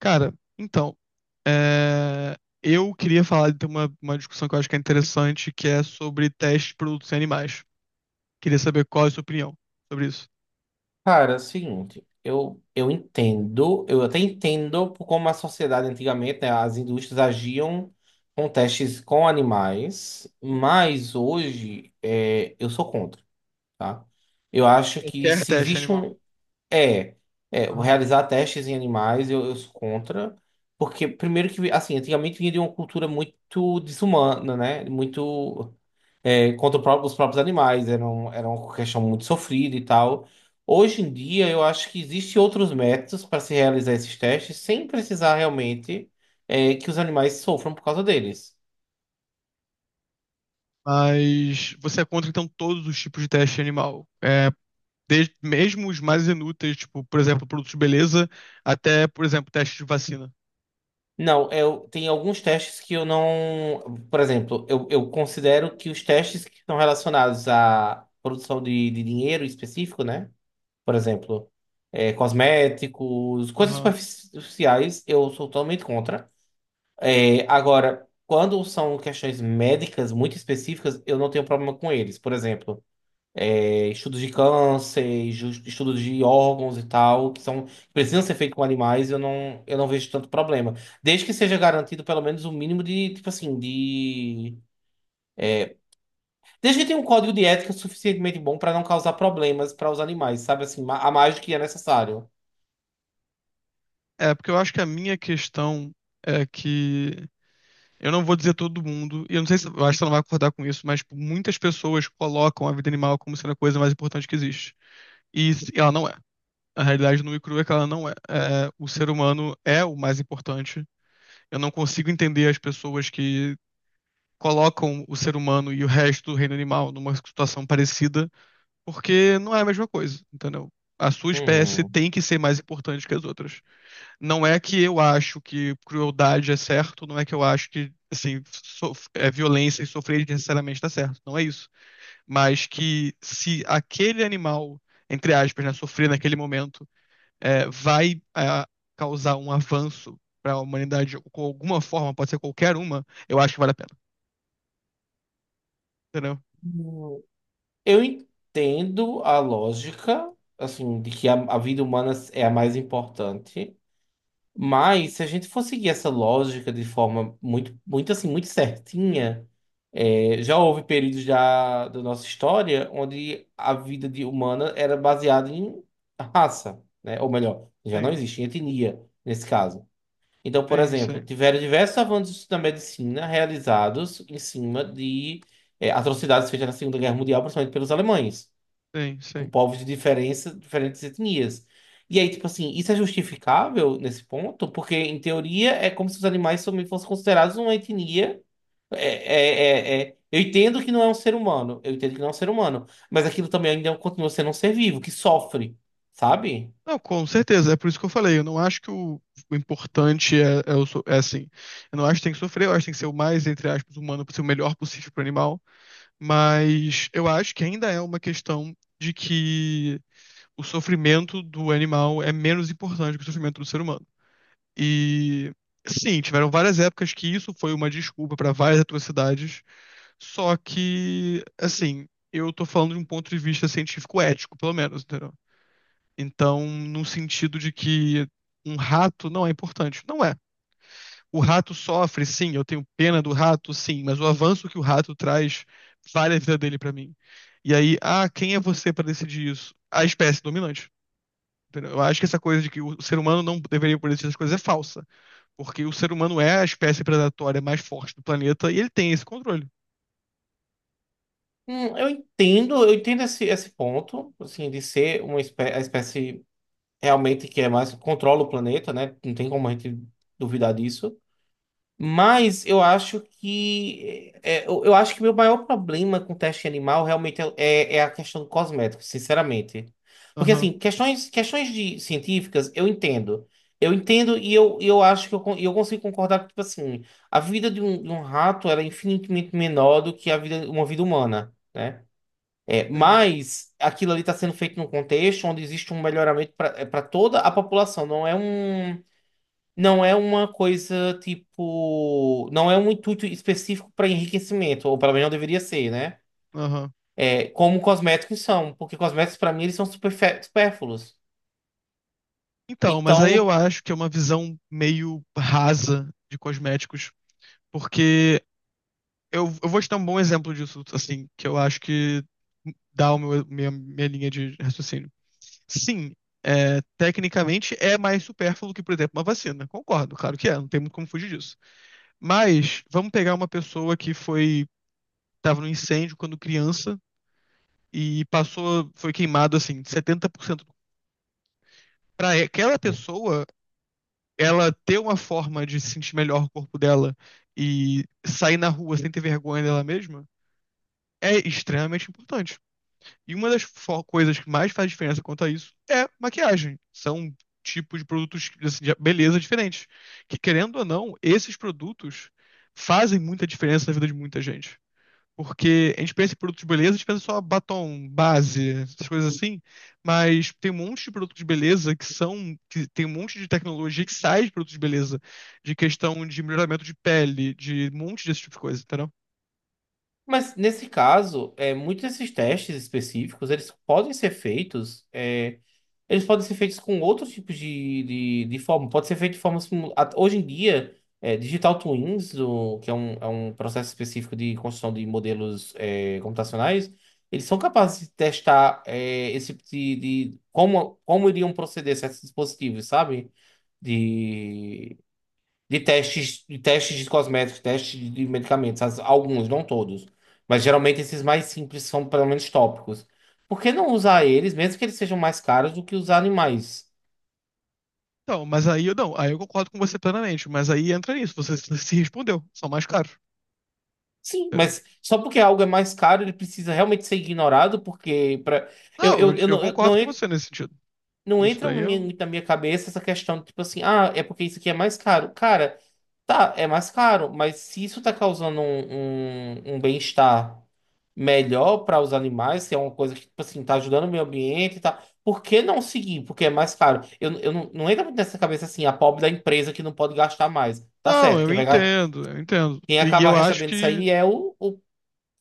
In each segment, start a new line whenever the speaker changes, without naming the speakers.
Cara, então, é, eu queria falar de uma discussão que eu acho que é interessante, que é sobre teste de produtos em animais. Queria saber qual é a sua opinião sobre isso.
Cara, é o seguinte, eu entendo, eu até entendo por como a sociedade antigamente, né, as indústrias agiam com testes com animais, mas hoje eu sou contra, tá? Eu acho que
Qualquer
se
teste
existe
animal.
um. É, é
Aham.
realizar testes em animais, eu sou contra, porque, primeiro, que, assim, antigamente vinha de uma cultura muito desumana, né? Muito contra o os próprios animais. Era, era uma questão muito sofrida e tal. Hoje em dia, eu acho que existem outros métodos para se realizar esses testes sem precisar realmente que os animais sofram por causa deles.
Mas você é contra, então, todos os tipos de teste animal. Desde, mesmo os mais inúteis, tipo, por exemplo, produtos de beleza, até, por exemplo, teste de vacina.
Não, eu, tem alguns testes que eu não. Por exemplo, eu considero que os testes que estão relacionados à produção de dinheiro específico, né? Por exemplo, cosméticos, coisas
Aham.
superficiais, eu sou totalmente contra. É, agora, quando são questões médicas muito específicas, eu não tenho problema com eles. Por exemplo, estudos de câncer, estudos de órgãos e tal, que são, que precisam ser feitos com animais, eu não vejo tanto problema. Desde que seja garantido pelo menos o mínimo de, tipo assim, de. Desde que tenha um código de ética suficientemente bom para não causar problemas para os animais, sabe assim, a mais do que é necessário.
Porque eu acho que a minha questão é que eu não vou dizer todo mundo, e eu não sei, se eu acho que você não vai concordar com isso, mas tipo, muitas pessoas colocam a vida animal como sendo a coisa mais importante que existe. E ela não é. A realidade nua e crua é que ela não é. O ser humano é o mais importante. Eu não consigo entender as pessoas que colocam o ser humano e o resto do reino animal numa situação parecida, porque não é a mesma coisa, entendeu? A sua espécie
Uhum.
tem que ser mais importante que as outras. Não é que eu acho que crueldade é certo, não é que eu acho que, assim, violência e sofrer necessariamente está certo, não é isso. Mas que se aquele animal, entre aspas, né, sofrer naquele momento, vai causar um avanço para a humanidade com alguma forma, pode ser qualquer uma, eu acho que vale a pena, entendeu?
Eu entendo a lógica, assim, de que a vida humana é a mais importante, mas se a gente for seguir essa lógica de forma muito assim, muito certinha, já houve períodos da nossa história onde a vida de humana era baseada em raça, né? Ou melhor, já não
Sim,
existe em etnia nesse caso. Então, por
sim,
exemplo,
sim,
tiveram diversos avanços na medicina realizados em cima de, atrocidades feitas na Segunda Guerra Mundial, principalmente pelos alemães
sim,
com
sim.
povos de diferença, diferentes etnias. E aí, tipo assim, isso é justificável nesse ponto? Porque, em teoria, é como se os animais também fossem considerados uma etnia. Eu entendo que não é um ser humano, eu entendo que não é um ser humano, mas aquilo também ainda continua sendo um ser vivo, que sofre, sabe?
Não, com certeza, é por isso que eu falei. Eu não acho que o importante é, é assim. Eu não acho que tem que sofrer, eu acho que tem que ser o mais, entre aspas, humano possível, o melhor possível para o animal. Mas eu acho que ainda é uma questão de que o sofrimento do animal é menos importante que o sofrimento do ser humano. E sim, tiveram várias épocas que isso foi uma desculpa para várias atrocidades, só que, assim, eu tô falando de um ponto de vista científico ético, pelo menos, entendeu? Então, no sentido de que um rato não é importante. Não é. O rato sofre, sim, eu tenho pena do rato, sim, mas o avanço que o rato traz vale a vida dele pra mim. E aí, ah, quem é você pra decidir isso? A espécie dominante. Entendeu? Eu acho que essa coisa de que o ser humano não deveria poder decidir essas coisas é falsa, porque o ser humano é a espécie predatória mais forte do planeta e ele tem esse controle.
Eu entendo esse ponto, assim, de ser uma espé a espécie realmente que é mais, controla o planeta, né? Não tem como a gente duvidar disso. Mas eu acho que eu acho que meu maior problema com teste animal realmente é a questão do cosmético, sinceramente. Porque
Aham,
assim, questões de científicas eu entendo. Eu entendo e eu acho que eu consigo concordar que, tipo assim, a vida de um rato era infinitamente menor do que a vida, uma vida humana, né? É,
sim,
mas aquilo ali está sendo feito num contexto onde existe um melhoramento para toda a população, não é um. Não é uma coisa tipo. Não é um intuito específico para enriquecimento, ou pelo menos não deveria ser, né?
aham.
É, como cosméticos são, porque cosméticos, para mim, eles são supérfluos.
Então, mas aí eu
Então,
acho que é uma visão meio rasa de cosméticos, porque eu vou te dar um bom exemplo disso, assim, que eu acho que dá o meu, minha linha de raciocínio. Sim, tecnicamente é mais supérfluo que, por exemplo, uma vacina. Concordo, claro que é, não tem muito como fugir disso. Mas vamos pegar uma pessoa que foi estava no incêndio quando criança e passou, foi queimado assim, 70%. Para aquela pessoa, ela ter uma forma de sentir melhor o corpo dela e sair na rua sem ter vergonha dela mesma é extremamente importante. E uma das coisas que mais faz diferença quanto a isso é maquiagem. São tipos de produtos, assim, de beleza diferentes. Que, querendo ou não, esses produtos fazem muita diferença na vida de muita gente. Porque a gente pensa em produtos de beleza, a gente pensa só batom, base, essas coisas assim. Mas tem um monte de produtos de beleza que são. Que tem um monte de tecnologia que sai de produtos de beleza. De questão de melhoramento de pele, de um monte desse tipo de coisa, entendeu?
mas nesse caso, muitos desses testes específicos, eles podem ser feitos. Eles podem ser feitos com outros tipos de forma. Pode ser feito de forma. Hoje em dia, Digital Twins, que é um processo específico de construção de modelos computacionais, eles são capazes de testar esse tipo de, como, como iriam proceder certos dispositivos, sabe? De de testes de cosméticos, testes de medicamentos, alguns, não todos. Mas geralmente esses mais simples são pelo menos tópicos. Por que não usar eles, mesmo que eles sejam mais caros do que os animais?
Então, mas aí eu não, aí eu concordo com você plenamente, mas aí entra nisso, você se respondeu, são mais caros,
Sim,
entendeu?
mas só porque algo é mais caro, ele precisa realmente ser ignorado, porque pra...
Não, eu, eu
eu
concordo
não
com
ia
você nesse sentido.
Não
Isso
entra
daí eu.
na minha cabeça essa questão de, tipo assim, ah, é porque isso aqui é mais caro. Cara, tá, é mais caro, mas se isso tá causando um bem-estar melhor para os animais, se é uma coisa que, tipo assim, tá ajudando o meio ambiente e tal, por que não seguir? Porque é mais caro. Eu não, não entra muito nessa cabeça assim, a pobre da empresa que não pode gastar mais. Tá
Não,
certo,
eu entendo, eu entendo.
quem
E
acaba
eu acho
recebendo isso
que.
aí é o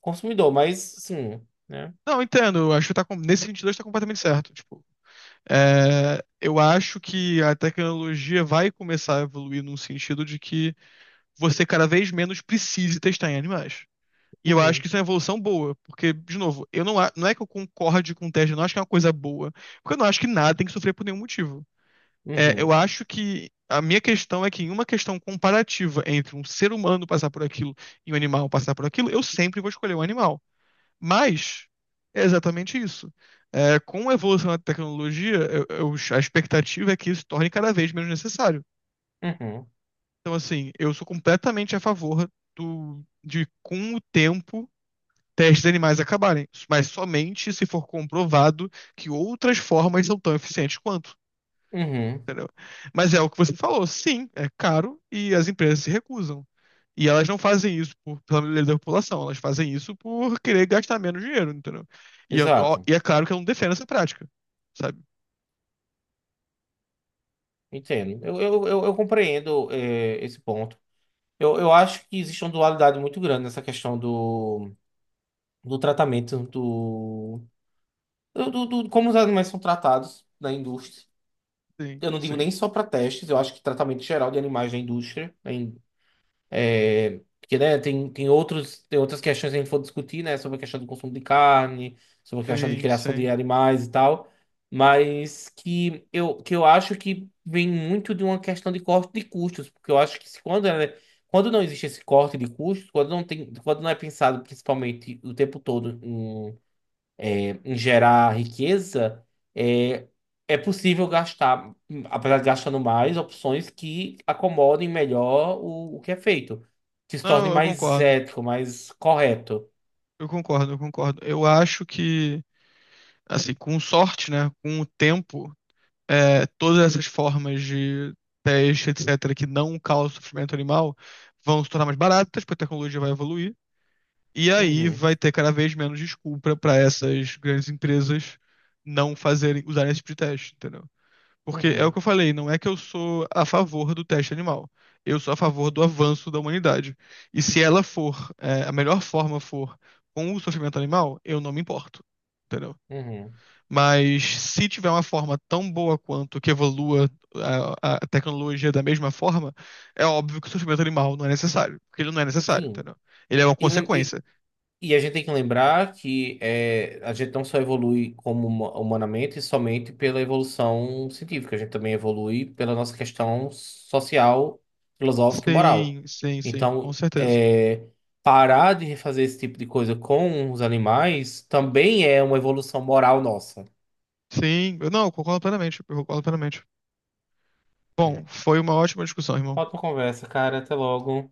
consumidor, mas, assim, né?
Não, eu entendo, eu acho que tá nesse sentido está completamente certo. Tipo, eu acho que a tecnologia vai começar a evoluir num sentido de que você cada vez menos precise testar em animais. E eu acho
Uhum,
que isso é uma evolução boa, porque, de novo, eu não, não é que eu concorde com o teste, eu não acho que é uma coisa boa, porque eu não acho que nada tem que sofrer por nenhum motivo. Eu
uhum,
acho que a minha questão é que em uma questão comparativa entre um ser humano passar por aquilo e um animal passar por aquilo, eu sempre vou escolher um animal. Mas é exatamente isso. Com a evolução da tecnologia, a expectativa é que isso torne cada vez menos necessário.
uhum,
Então, assim, eu sou completamente a favor com o tempo testes de animais acabarem, mas somente se for comprovado que outras formas são tão eficientes quanto,
uhum,
entendeu? Mas é o que você falou, sim, é caro e as empresas se recusam. E elas não fazem isso pela melhoria da população, elas fazem isso por querer gastar menos dinheiro, entendeu? E, eu- ó,
exato.
e é claro que eu não defendo essa prática, sabe?
Entendo. Eu compreendo esse ponto. Eu acho que existe uma dualidade muito grande nessa questão do, do tratamento do, como os animais são tratados na indústria.
Sim,
Eu não digo
sim,
nem só para testes, eu acho que tratamento geral de animais na indústria. É, porque, né, tem tem outras questões que a gente for discutir, né, sobre a questão do consumo de carne, sobre a questão de
sim,
criação de
sim.
animais e tal, mas que eu acho que vem muito de uma questão de corte de custos, porque eu acho que se quando não existe esse corte de custos, quando não é pensado principalmente o tempo todo em gerar riqueza, é, é possível gastar, apesar de gastando mais, opções que acomodem melhor o que é feito, que se torne
Não, eu
mais
concordo,
ético, mais correto.
eu concordo, eu concordo. Eu acho que, assim, com sorte, né, com o tempo todas essas formas de teste, etc., que não causam sofrimento animal, vão se tornar mais baratas, porque a tecnologia vai evoluir. E aí
Uhum,
vai ter cada vez menos desculpa para essas grandes empresas não fazerem, usarem esse tipo de teste, entendeu? Porque é o que
uhum,
eu falei, não é que eu sou a favor do teste animal. Eu sou a favor do avanço da humanidade. E se ela for, a melhor forma for com o sofrimento animal, eu não me importo. Entendeu?
uhum.
Mas se tiver uma forma tão boa quanto, que evolua a tecnologia da mesma forma, é óbvio que o sofrimento animal não é necessário, porque ele não é necessário,
Sim.
entendeu? Ele é uma
E, lem- e,
consequência.
E a gente tem que lembrar que a gente não só evolui como humanamente somente pela evolução científica, a gente também evolui pela nossa questão social, filosófica e moral.
Sim, sim, sim, com
Então,
certeza.
parar de fazer esse tipo de coisa com os animais também é uma evolução moral nossa.
Sim, eu não, eu concordo plenamente, eu concordo plenamente. Bom,
É.
foi uma ótima discussão, irmão.
Ótima conversa, cara. Até logo.